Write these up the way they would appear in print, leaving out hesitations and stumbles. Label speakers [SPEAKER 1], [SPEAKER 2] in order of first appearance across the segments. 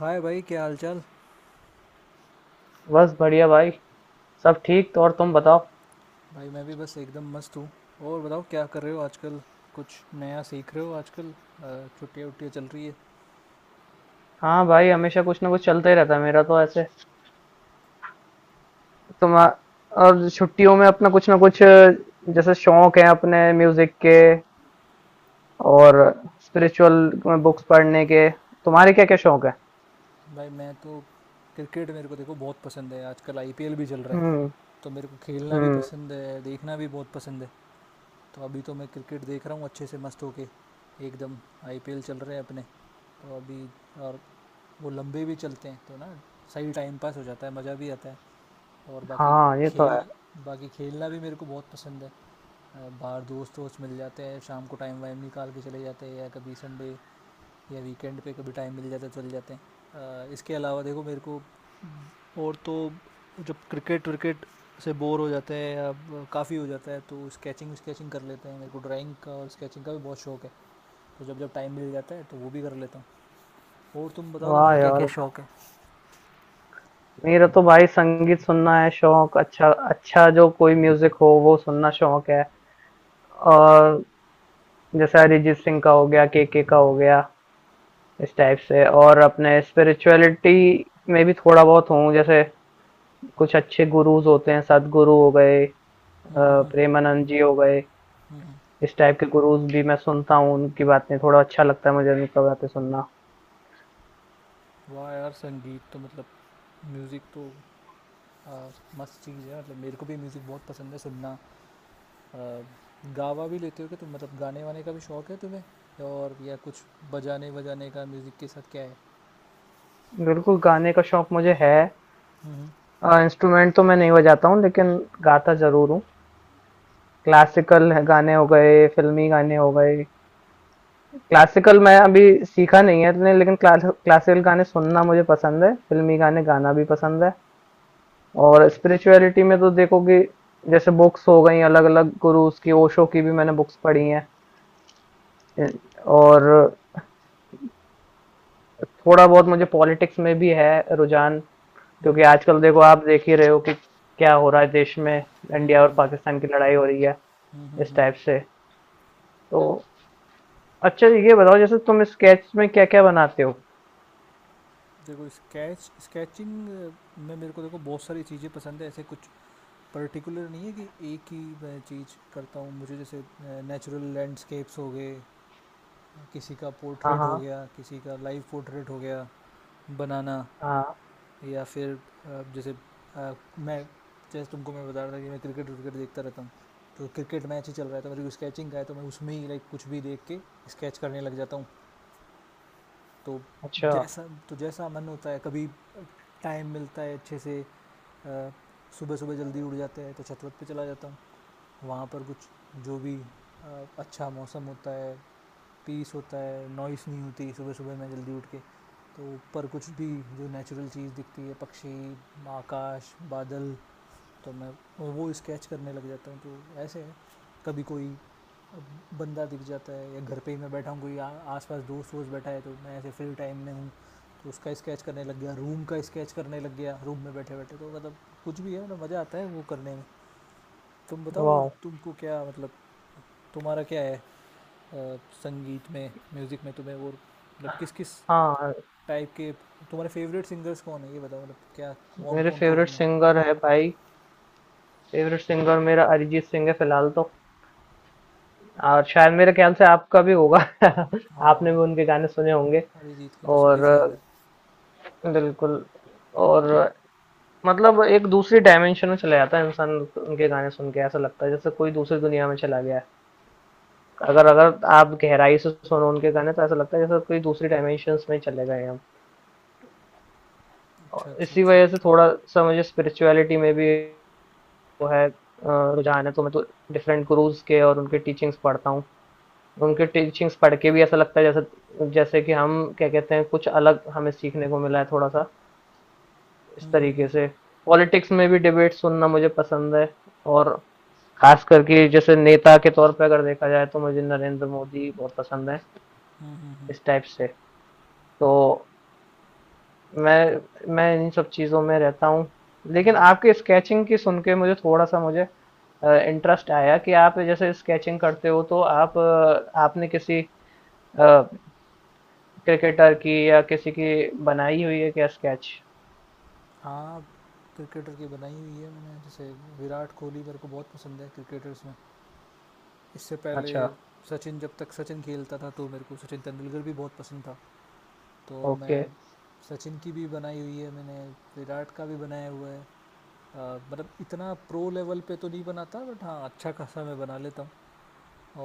[SPEAKER 1] हाय भाई, क्या हाल चाल।
[SPEAKER 2] बस बढ़िया भाई। सब ठीक तो। और तुम बताओ।
[SPEAKER 1] भाई मैं भी बस एकदम मस्त हूँ। और बताओ क्या कर रहे हो आजकल। कुछ नया सीख रहे हो आजकल छुट्टियाँ वुट्टियाँ चल रही है।
[SPEAKER 2] हाँ भाई, हमेशा कुछ ना कुछ चलता ही रहता है मेरा तो ऐसे। तुम और? छुट्टियों में अपना कुछ ना कुछ जैसे शौक है अपने म्यूजिक के और स्पिरिचुअल बुक्स पढ़ने के। तुम्हारे क्या क्या शौक है?
[SPEAKER 1] भाई मैं तो क्रिकेट मेरे को देखो बहुत पसंद है, आजकल आईपीएल भी चल रहा है।
[SPEAKER 2] हम्म।
[SPEAKER 1] तो मेरे को खेलना भी
[SPEAKER 2] हम्म।
[SPEAKER 1] पसंद है, देखना भी बहुत पसंद है। तो अभी तो मैं क्रिकेट देख रहा हूँ अच्छे से मस्त होके, एकदम। आईपीएल चल रहे हैं अपने, तो अभी, और वो लंबे भी चलते हैं तो ना, सही टाइम पास हो जाता है, मज़ा भी आता है। और बाकी
[SPEAKER 2] हाँ, ये तो है।
[SPEAKER 1] खेल, बाकी खेलना भी मेरे को बहुत पसंद है। बाहर दोस्त वोस्त मिल जाते हैं शाम को टाइम वाइम निकाल के चले जाते हैं, या कभी संडे या वीकेंड पे कभी टाइम मिल जाता है चले जाते हैं। इसके अलावा देखो मेरे को, और तो, जब क्रिकेट विकेट से बोर हो जाते हैं या काफ़ी हो जाता है तो स्केचिंग स्केचिंग कर लेते हैं। मेरे को ड्राइंग का और स्केचिंग का भी बहुत शौक है, तो जब जब टाइम मिल जाता है तो वो भी कर लेता हूँ। और तुम बताओ,
[SPEAKER 2] वाह
[SPEAKER 1] तुम्हारे क्या क्या
[SPEAKER 2] यार!
[SPEAKER 1] शौक है।
[SPEAKER 2] मेरा तो भाई संगीत सुनना है शौक। अच्छा अच्छा, जो कोई म्यूजिक हो वो सुनना शौक है। और जैसे अरिजीत सिंह का हो गया, के का हो गया, इस टाइप से। और अपने स्पिरिचुअलिटी में भी थोड़ा बहुत हूँ। जैसे कुछ अच्छे गुरुज़ होते हैं, सद्गुरु हो गए,
[SPEAKER 1] हम्म।
[SPEAKER 2] प्रेमानंद जी हो गए।
[SPEAKER 1] हम्म।
[SPEAKER 2] इस टाइप के गुरुज़ भी मैं सुनता हूँ उनकी बातें। थोड़ा अच्छा लगता है मुझे उनका बातें सुनना।
[SPEAKER 1] वाह यार, संगीत तो मतलब, म्यूज़िक तो आ, मस्त चीज़ है। मतलब मेरे को भी म्यूज़िक बहुत पसंद है सुनना। आ, गावा भी लेते हो क्या तुम, मतलब गाने वाने का भी शौक है तुम्हें, और या कुछ बजाने वजाने का म्यूज़िक के साथ क्या है।
[SPEAKER 2] बिल्कुल, गाने का शौक मुझे है।
[SPEAKER 1] हम्म
[SPEAKER 2] इंस्ट्रूमेंट तो मैं नहीं बजाता हूँ लेकिन गाता ज़रूर हूँ। क्लासिकल गाने हो गए, फ़िल्मी गाने हो गए। क्लासिकल मैं अभी सीखा नहीं है लेकिन क्लासिकल गाने सुनना मुझे पसंद है। फ़िल्मी गाने गाना भी पसंद है। और स्पिरिचुअलिटी में तो देखोगे जैसे बुक्स हो गई अलग-अलग गुरुज की, ओशो की भी मैंने बुक्स पढ़ी हैं। अ, और थोड़ा बहुत मुझे पॉलिटिक्स में भी है रुझान। क्योंकि
[SPEAKER 1] हम्म
[SPEAKER 2] आजकल देखो, आप देख ही रहे हो कि क्या हो रहा है देश में,
[SPEAKER 1] हम्म।
[SPEAKER 2] इंडिया और पाकिस्तान की लड़ाई हो रही है,
[SPEAKER 1] हम्म हम्म,
[SPEAKER 2] इस टाइप
[SPEAKER 1] हम्म।
[SPEAKER 2] से। तो अच्छा, ये बताओ जैसे तुम स्केच में क्या-क्या बनाते हो?
[SPEAKER 1] देखो स्केच, स्केचिंग में मेरे को देखो बहुत सारी चीज़ें पसंद है, ऐसे कुछ पर्टिकुलर नहीं है कि एक ही मैं चीज़ करता हूँ। मुझे जैसे नेचुरल लैंडस्केप्स हो गए, किसी का
[SPEAKER 2] हाँ,
[SPEAKER 1] पोर्ट्रेट हो
[SPEAKER 2] हाँ।
[SPEAKER 1] गया, किसी का लाइव पोर्ट्रेट हो गया बनाना,
[SPEAKER 2] हाँ।
[SPEAKER 1] या फिर अ, जैसे अ, मैं, जैसे तुमको मैं बता रहा था कि मैं क्रिकेट विकेट देखता रहता हूँ, तो क्रिकेट मैच ही चल रहा है तो मेरे को स्केचिंग का है तो मैं उसमें ही लाइक कुछ भी देख के स्केच करने लग जाता हूँ। तो
[SPEAKER 2] अच्छा।
[SPEAKER 1] जैसा, तो जैसा मन होता है, कभी टाइम मिलता है अच्छे से अ, सुबह सुबह जल्दी उठ जाते हैं तो छतवत पे चला जाता हूँ। वहाँ पर कुछ जो भी अच्छा मौसम होता है, पीस होता है, नॉइस नहीं होती सुबह सुबह मैं जल्दी उठ के, तो ऊपर कुछ भी जो नेचुरल चीज़ दिखती है, पक्षी, आकाश, बादल, तो मैं वो स्केच करने लग जाता हूँ। तो ऐसे है, कभी कोई बंदा दिख जाता है या घर पे ही मैं बैठा हूँ, कोई आसपास दोस्त वोस्त बैठा है तो मैं ऐसे फ्री टाइम में हूँ, तो उसका स्केच करने लग गया, रूम का स्केच करने लग गया रूम में बैठे बैठे, तो मतलब कुछ भी है मतलब मज़ा आता है वो करने में। तुम बताओ, और
[SPEAKER 2] वाओ!
[SPEAKER 1] तुमको क्या मतलब, तुम्हारा क्या है। अ, संगीत में म्यूज़िक में तुम्हें वो मतलब किस किस
[SPEAKER 2] हाँ।
[SPEAKER 1] टाइप के, तुम्हारे फेवरेट सिंगर्स कौन है ये बताओ, मतलब क्या कौन
[SPEAKER 2] मेरे
[SPEAKER 1] कौन को
[SPEAKER 2] फेवरेट
[SPEAKER 1] सुना।
[SPEAKER 2] सिंगर है भाई, फेवरेट सिंगर मेरा अरिजीत सिंह है फिलहाल तो। और शायद मेरे ख्याल से आपका भी होगा आपने
[SPEAKER 1] हाँ,
[SPEAKER 2] भी उनके गाने सुने होंगे।
[SPEAKER 1] अरिजीत के तो सभी
[SPEAKER 2] और।
[SPEAKER 1] फ़ैन हैं।
[SPEAKER 2] बिल्कुल। और मतलब एक दूसरी डायमेंशन में चला जाता है इंसान, उनके गाने सुन के ऐसा लगता है जैसे कोई दूसरी दुनिया में चला गया है। अगर अगर आप गहराई से सुनो उनके गाने तो ऐसा लगता है जैसे कोई दूसरी डायमेंशन में चले गए हम।
[SPEAKER 1] अच्छा
[SPEAKER 2] और
[SPEAKER 1] अच्छा
[SPEAKER 2] इसी वजह से
[SPEAKER 1] अच्छा।
[SPEAKER 2] थोड़ा सा मुझे स्पिरिचुअलिटी में भी वो है, रुझान है। तो मैं तो डिफरेंट गुरुज के और उनके टीचिंग्स पढ़ता हूँ। उनके टीचिंग्स पढ़ के भी ऐसा लगता है जैसे जैसे कि हम क्या कहते हैं, कुछ अलग हमें सीखने को मिला है थोड़ा सा, इस तरीके
[SPEAKER 1] हम्म।
[SPEAKER 2] से। पॉलिटिक्स में भी डिबेट सुनना मुझे पसंद है। और खास करके जैसे नेता के तौर पे अगर देखा जाए तो मुझे नरेंद्र मोदी बहुत पसंद है,
[SPEAKER 1] हम्म हम्म हम्म,
[SPEAKER 2] इस टाइप से। तो मैं मैं इन सब चीज़ों में रहता हूँ। लेकिन
[SPEAKER 1] हम्म।
[SPEAKER 2] आपके स्केचिंग की सुन के मुझे थोड़ा सा, मुझे इंटरेस्ट आया कि आप जैसे स्केचिंग करते हो तो आप आपने किसी अ, क्रिकेटर की या किसी की बनाई हुई है क्या स्केच?
[SPEAKER 1] हाँ, क्रिकेटर की बनाई हुई है मैंने। जैसे विराट कोहली मेरे को बहुत पसंद है क्रिकेटर्स में। इससे पहले
[SPEAKER 2] अच्छा।
[SPEAKER 1] सचिन, जब तक सचिन खेलता था तो मेरे को सचिन तेंदुलकर भी बहुत पसंद था। तो मैं
[SPEAKER 2] ओके।
[SPEAKER 1] सचिन की भी बनाई हुई है मैंने, विराट का भी बनाया हुआ है। मतलब इतना प्रो लेवल पे तो नहीं बनाता, बट हाँ अच्छा खासा मैं बना लेता हूँ।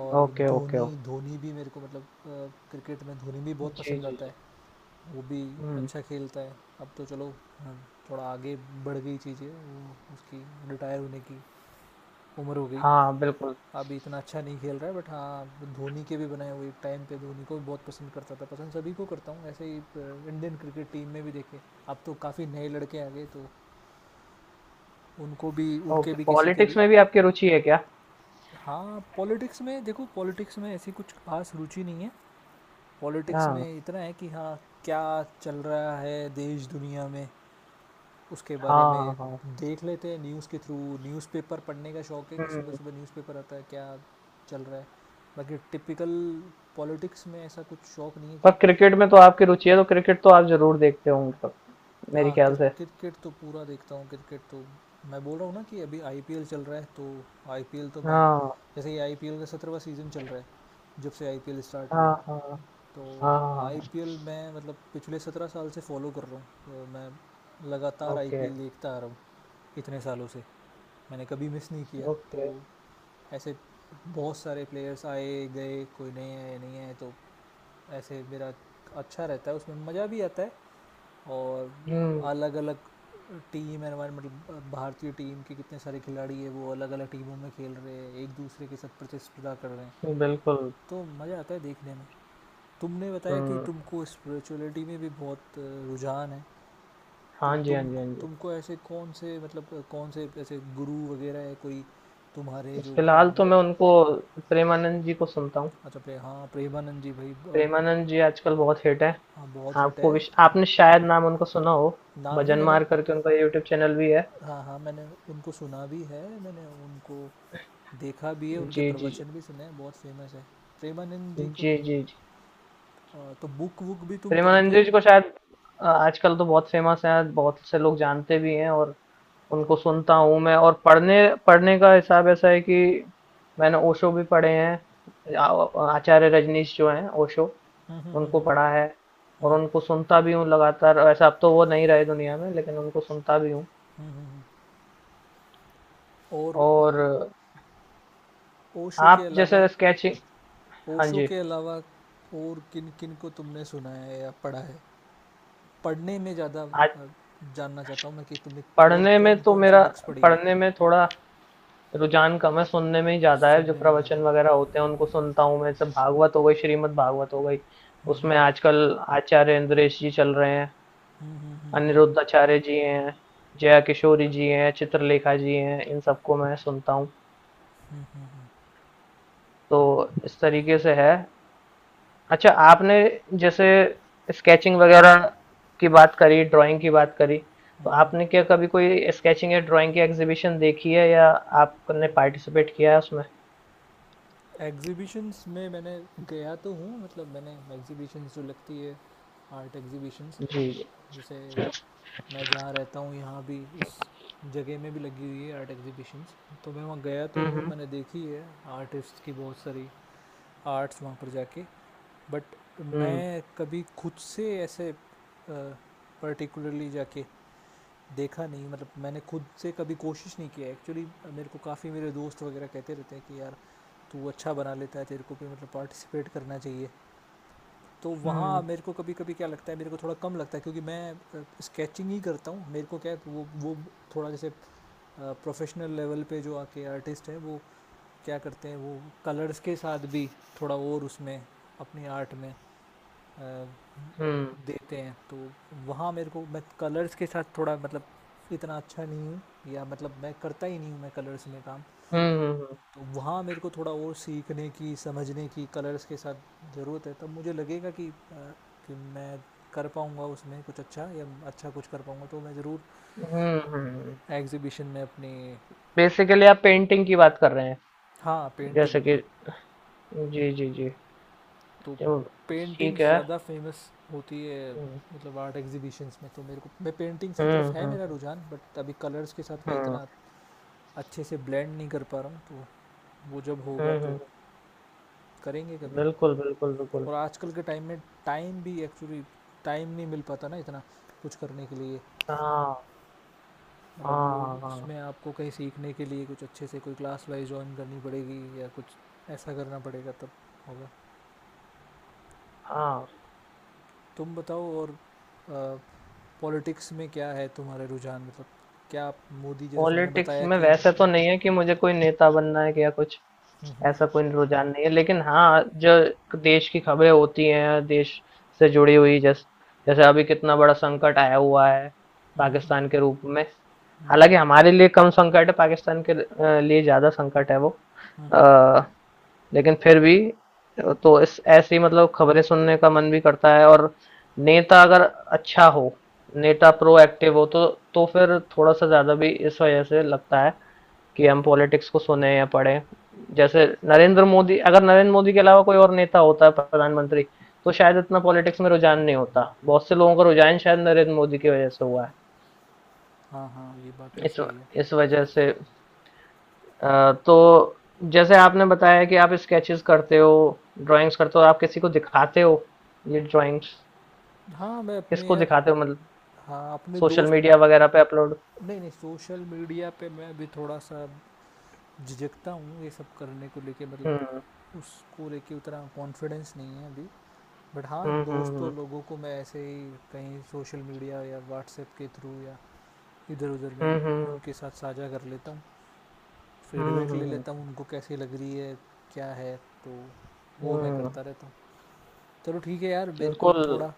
[SPEAKER 1] और
[SPEAKER 2] ओके,
[SPEAKER 1] धोनी,
[SPEAKER 2] ओके।
[SPEAKER 1] धोनी भी मेरे को मतलब क्रिकेट में धोनी भी बहुत
[SPEAKER 2] जी,
[SPEAKER 1] पसंद
[SPEAKER 2] जी,
[SPEAKER 1] आता है।
[SPEAKER 2] जी।
[SPEAKER 1] वो भी
[SPEAKER 2] हुँ।
[SPEAKER 1] अच्छा खेलता है अब तो, चलो, हाँ, थोड़ा आगे बढ़ गई चीज़ें वो उसकी, रिटायर होने की उम्र हो गई।
[SPEAKER 2] हाँ, बिल्कुल।
[SPEAKER 1] अभी इतना अच्छा नहीं खेल रहा है बट हाँ धोनी के भी बनाए हुए टाइम पे, धोनी को भी बहुत पसंद करता था, पसंद सभी को करता हूँ ऐसे ही। इंडियन क्रिकेट टीम में भी देखे, अब तो काफ़ी नए लड़के आ गए, तो उनको भी, उनके
[SPEAKER 2] ओके,
[SPEAKER 1] भी, किसी के भी।
[SPEAKER 2] पॉलिटिक्स में भी आपकी रुचि है क्या?
[SPEAKER 1] हाँ, पॉलिटिक्स में देखो, पॉलिटिक्स में ऐसी कुछ खास रुचि नहीं है। पॉलिटिक्स
[SPEAKER 2] हाँ।
[SPEAKER 1] में इतना है कि हाँ, क्या चल रहा है देश दुनिया में, उसके बारे
[SPEAKER 2] हाँ,
[SPEAKER 1] में
[SPEAKER 2] हाँ, हाँ।
[SPEAKER 1] देख लेते हैं न्यूज़ के थ्रू। न्यूज़पेपर पढ़ने का शौक है कि
[SPEAKER 2] हुँ।
[SPEAKER 1] सुबह-सुबह न्यूज़पेपर आता है क्या चल रहा है। बाकी टिपिकल पॉलिटिक्स में ऐसा कुछ शौक नहीं है
[SPEAKER 2] पर
[SPEAKER 1] कि।
[SPEAKER 2] क्रिकेट में तो आपकी रुचि है, तो क्रिकेट तो आप ज़रूर देखते होंगे तब, मेरे
[SPEAKER 1] हाँ, क्रि
[SPEAKER 2] ख्याल से।
[SPEAKER 1] क्रिकेट तो पूरा देखता हूँ। क्रिकेट तो मैं बोल रहा हूँ ना कि अभी आईपीएल चल रहा है, तो आईपीएल तो मैं,
[SPEAKER 2] हाँ।
[SPEAKER 1] जैसे ये आईपीएल का 17वाँ सीज़न चल रहा है, जब से आईपीएल स्टार्ट हुआ।
[SPEAKER 2] हाँ, हाँ। हाँ, हाँ,
[SPEAKER 1] तो
[SPEAKER 2] हाँ, हाँ।
[SPEAKER 1] आईपीएल मैं मतलब पिछले 17 साल से फॉलो कर रहा हूँ, तो मैं लगातार
[SPEAKER 2] ओके,
[SPEAKER 1] आईपीएल देखता आ रहा हूँ, इतने सालों से मैंने कभी मिस नहीं किया। तो
[SPEAKER 2] ओके।
[SPEAKER 1] ऐसे बहुत सारे प्लेयर्स आए गए, कोई नए आए नहीं आए तो ऐसे, मेरा अच्छा रहता है उसमें, मज़ा भी आता है। और
[SPEAKER 2] हुँ,
[SPEAKER 1] अलग अलग टीम एनवायरमेंट, मतलब भारतीय टीम के कितने सारे खिलाड़ी है वो अलग अलग टीमों में खेल रहे हैं, एक दूसरे के साथ प्रतिस्पर्धा कर रहे हैं,
[SPEAKER 2] बिल्कुल।
[SPEAKER 1] तो मज़ा आता है देखने में। तुमने बताया कि
[SPEAKER 2] हुँ।
[SPEAKER 1] तुमको स्पिरिचुअलिटी में भी बहुत रुझान है, तो
[SPEAKER 2] हाँ जी, हाँ
[SPEAKER 1] तुम,
[SPEAKER 2] जी, हाँ जी।
[SPEAKER 1] तुमको ऐसे कौन से मतलब कौन से ऐसे गुरु वगैरह है कोई तुम्हारे जो
[SPEAKER 2] फिलहाल तो मैं उनको प्रेमानंद जी को सुनता हूँ।
[SPEAKER 1] अच्छा प्रे, हाँ प्रेमानंद जी भाई
[SPEAKER 2] प्रेमानंद जी आजकल बहुत हिट है।
[SPEAKER 1] हाँ बहुत हिट
[SPEAKER 2] आपको
[SPEAKER 1] है।
[SPEAKER 2] विश, आपने शायद नाम उनका सुना हो।
[SPEAKER 1] नाम नहीं
[SPEAKER 2] भजन
[SPEAKER 1] मैंने।
[SPEAKER 2] मार करके उनका यूट्यूब चैनल भी है।
[SPEAKER 1] हाँ हाँ मैंने उनको सुना भी है, मैंने उनको देखा भी है, उनके
[SPEAKER 2] जी, जी, जी।
[SPEAKER 1] प्रवचन भी सुने हैं, बहुत फेमस है प्रेमानंद जी को।
[SPEAKER 2] जी, जी, जी।
[SPEAKER 1] तो बुक वुक भी तुम पढ़ते
[SPEAKER 2] प्रेमानंद
[SPEAKER 1] हो,
[SPEAKER 2] जी को शायद आजकल तो बहुत फेमस है, बहुत से लोग जानते भी हैं। और उनको सुनता हूँ मैं। और पढ़ने पढ़ने का हिसाब ऐसा है कि मैंने ओशो भी पढ़े हैं, आचार्य रजनीश जो हैं ओशो, उनको पढ़ा है। और उनको सुनता भी हूँ लगातार। वैसे अब तो वो नहीं रहे दुनिया में, लेकिन उनको सुनता भी हूँ।
[SPEAKER 1] और
[SPEAKER 2] और
[SPEAKER 1] ओशो के
[SPEAKER 2] आप
[SPEAKER 1] अलावा,
[SPEAKER 2] जैसे स्केचिंग। हाँ
[SPEAKER 1] ओशो
[SPEAKER 2] जी।
[SPEAKER 1] के अलावा और किन किन को तुमने सुना है या पढ़ा है, पढ़ने में ज़्यादा
[SPEAKER 2] आज
[SPEAKER 1] जानना चाहता हूँ मैं कि तुमने और
[SPEAKER 2] पढ़ने में
[SPEAKER 1] कौन
[SPEAKER 2] तो
[SPEAKER 1] कौन सी
[SPEAKER 2] मेरा
[SPEAKER 1] बुक्स पढ़ी है।
[SPEAKER 2] पढ़ने में थोड़ा रुझान कम है, सुनने में ही ज़्यादा है, जो
[SPEAKER 1] सुनने में
[SPEAKER 2] प्रवचन
[SPEAKER 1] ज़्यादा।
[SPEAKER 2] वगैरह होते हैं उनको सुनता हूँ मैं, जैसे भागवत हो गई, श्रीमद् भागवत हो गई, उसमें आजकल आचार्य इन्द्रेश जी चल रहे हैं, अनिरुद्ध आचार्य जी हैं, जया किशोरी जी हैं, चित्रलेखा जी हैं, इन सबको मैं सुनता हूँ। तो इस तरीके से है। अच्छा, आपने जैसे स्केचिंग वगैरह की बात करी, ड्राइंग की बात करी, तो आपने क्या कभी कोई स्केचिंग या ड्राइंग की एग्जीबिशन देखी है या आपने पार्टिसिपेट किया है उसमें?
[SPEAKER 1] एग्जीबिशंस में मैंने गया तो हूँ, मतलब मैंने एग्जीबिशंस जो लगती है आर्ट एग्जीबिशंस
[SPEAKER 2] जी, जी।
[SPEAKER 1] जैसे, मैं जहाँ रहता हूँ यहाँ भी इस जगह में भी लगी हुई है आर्ट एग्जीबिशंस, तो मैं वहाँ गया तो हूँ,
[SPEAKER 2] हम्म।
[SPEAKER 1] मैंने देखी है आर्टिस्ट की बहुत सारी आर्ट्स वहाँ पर जाके। बट
[SPEAKER 2] हम्म।
[SPEAKER 1] मैं कभी खुद से ऐसे पर्टिकुलरली जाके देखा नहीं, मतलब मैंने खुद से कभी कोशिश नहीं किया एक्चुअली। मेरे को काफ़ी मेरे दोस्त वगैरह कहते रहते हैं कि यार, तू अच्छा बना लेता है, तेरे को भी मतलब पार्टिसिपेट करना चाहिए। तो वहाँ
[SPEAKER 2] हम्म।
[SPEAKER 1] मेरे को कभी कभी क्या लगता है, मेरे को थोड़ा कम लगता है क्योंकि मैं स्केचिंग ही करता हूँ, मेरे को क्या है, वो थोड़ा जैसे प्रोफेशनल लेवल पे जो आके आर्टिस्ट हैं वो क्या करते हैं, वो कलर्स के साथ भी थोड़ा और उसमें अपनी आर्ट में अ,
[SPEAKER 2] हम्म।
[SPEAKER 1] देते हैं, तो वहाँ मेरे को मैं कलर्स के साथ थोड़ा मतलब इतना अच्छा नहीं हूँ, या मतलब मैं करता ही नहीं हूँ मैं कलर्स में काम,
[SPEAKER 2] हम्म।
[SPEAKER 1] तो वहाँ मेरे को थोड़ा और सीखने की समझने की कलर्स के साथ ज़रूरत है। तब मुझे लगेगा कि कि मैं कर पाऊँगा उसमें कुछ अच्छा, या अच्छा कुछ कर पाऊँगा तो मैं ज़रूर
[SPEAKER 2] हम्म। हम्म। हम्म।
[SPEAKER 1] एग्जीबिशन में अपनी।
[SPEAKER 2] बेसिकली आप पेंटिंग की बात कर रहे हैं
[SPEAKER 1] हाँ पेंटिंग,
[SPEAKER 2] जैसे कि। जी, जी, जी।
[SPEAKER 1] तो
[SPEAKER 2] चलो, ठीक
[SPEAKER 1] पेंटिंग्स
[SPEAKER 2] है।
[SPEAKER 1] ज़्यादा फेमस होती है
[SPEAKER 2] हम्म।
[SPEAKER 1] मतलब आर्ट एग्जीबिशंस में, तो मेरे को मैं पेंटिंग्स की तरफ
[SPEAKER 2] हम्म।
[SPEAKER 1] है मेरा
[SPEAKER 2] हम्म।
[SPEAKER 1] रुझान, बट अभी कलर्स के साथ मैं
[SPEAKER 2] हम्म।
[SPEAKER 1] इतना अच्छे से ब्लेंड नहीं कर पा रहा हूँ, तो वो जब होगा
[SPEAKER 2] हम्म।
[SPEAKER 1] तो करेंगे कभी।
[SPEAKER 2] बिल्कुल, बिल्कुल, बिल्कुल।
[SPEAKER 1] और आजकल के टाइम में, टाइम भी एक्चुअली टाइम नहीं मिल पाता ना इतना कुछ करने के लिए,
[SPEAKER 2] हाँ,
[SPEAKER 1] मतलब वो,
[SPEAKER 2] हाँ, हाँ,
[SPEAKER 1] उसमें आपको कहीं सीखने के लिए कुछ अच्छे से कोई क्लास वाइज ज्वाइन करनी पड़ेगी या कुछ ऐसा करना पड़ेगा तब होगा।
[SPEAKER 2] हाँ, हाँ।
[SPEAKER 1] तुम बताओ, और पॉलिटिक्स में क्या है तुम्हारे रुझान, मतलब क्या आप मोदी, जैसे तुमने
[SPEAKER 2] पॉलिटिक्स
[SPEAKER 1] बताया
[SPEAKER 2] में
[SPEAKER 1] कि।
[SPEAKER 2] वैसे तो नहीं है कि मुझे कोई नेता बनना है या कुछ
[SPEAKER 1] हम्म,
[SPEAKER 2] ऐसा, कोई रुझान नहीं है लेकिन हाँ, जो देश की खबरें होती हैं देश से जुड़ी हुई, जैसे जैसे अभी कितना बड़ा संकट आया हुआ है
[SPEAKER 1] हम्म। हम्म।
[SPEAKER 2] पाकिस्तान के रूप में।
[SPEAKER 1] हम्म,
[SPEAKER 2] हालांकि हमारे लिए कम संकट है, पाकिस्तान के लिए ज्यादा संकट है वो।
[SPEAKER 1] हम्म।
[SPEAKER 2] अ, लेकिन फिर भी तो इस ऐसी मतलब खबरें सुनने का मन भी करता है। और नेता अगर अच्छा हो, नेता प्रोएक्टिव हो तो फिर थोड़ा सा ज्यादा भी इस वजह से लगता है कि हम पॉलिटिक्स को सुने या पढ़े। जैसे नरेंद्र मोदी, अगर नरेंद्र मोदी के अलावा कोई और नेता होता है प्रधानमंत्री तो शायद इतना पॉलिटिक्स में रुझान नहीं होता, बहुत से लोगों का रुझान शायद नरेंद्र मोदी की वजह से हुआ है।
[SPEAKER 1] हाँ हाँ ये बात तो
[SPEAKER 2] इस
[SPEAKER 1] सही है।
[SPEAKER 2] इस वजह से। तो जैसे आपने बताया कि आप स्केचेस करते हो, ड्राइंग्स करते हो, आप किसी को दिखाते हो ये ड्राइंग्स?
[SPEAKER 1] हाँ मैं अपने
[SPEAKER 2] किसको
[SPEAKER 1] यार,
[SPEAKER 2] दिखाते हो मतलब,
[SPEAKER 1] हाँ अपने
[SPEAKER 2] सोशल
[SPEAKER 1] दोस्त,
[SPEAKER 2] मीडिया वगैरह पे अपलोड?
[SPEAKER 1] नहीं नहीं सोशल मीडिया पे मैं भी थोड़ा सा झिझकता हूँ ये सब करने को लेके,
[SPEAKER 2] हम्म।
[SPEAKER 1] मतलब उसको लेके उतना कॉन्फिडेंस नहीं है अभी। बट हाँ
[SPEAKER 2] हम्म।
[SPEAKER 1] दोस्तों
[SPEAKER 2] हम्म।
[SPEAKER 1] लोगों को मैं ऐसे ही कहीं सोशल मीडिया या व्हाट्सएप के थ्रू या इधर उधर में
[SPEAKER 2] हम्म। हम्म।
[SPEAKER 1] उनके साथ साझा कर लेता हूँ,
[SPEAKER 2] हम्म।
[SPEAKER 1] फीडबैक ले लेता हूँ उनको कैसी लग रही है क्या है, तो वो मैं
[SPEAKER 2] हम्म,
[SPEAKER 1] करता रहता हूँ। चलो ठीक है यार, मेरे को
[SPEAKER 2] बिल्कुल।
[SPEAKER 1] थोड़ा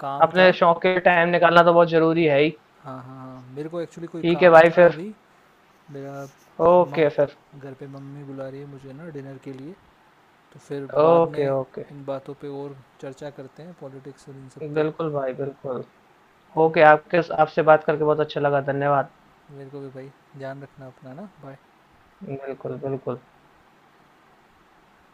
[SPEAKER 1] काम
[SPEAKER 2] अपने
[SPEAKER 1] था,
[SPEAKER 2] शौक के टाइम निकालना तो बहुत जरूरी है ही।
[SPEAKER 1] हाँ हाँ हाँ मेरे को एक्चुअली कोई
[SPEAKER 2] ठीक है
[SPEAKER 1] काम
[SPEAKER 2] भाई,
[SPEAKER 1] था
[SPEAKER 2] फिर।
[SPEAKER 1] अभी मेरा।
[SPEAKER 2] ओके फिर।
[SPEAKER 1] मम घर पे मम्मी बुला रही है मुझे ना डिनर के लिए, तो फिर बाद में
[SPEAKER 2] ओके, ओके।
[SPEAKER 1] इन बातों पे और चर्चा करते हैं, पॉलिटिक्स और इन सब पे।
[SPEAKER 2] बिल्कुल भाई, बिल्कुल।
[SPEAKER 1] अब
[SPEAKER 2] ओके, आपके आपसे बात करके बहुत अच्छा लगा, धन्यवाद।
[SPEAKER 1] मेरे को भी भाई, ध्यान रखना अपना ना, बाय।
[SPEAKER 2] बिल्कुल, बिल्कुल।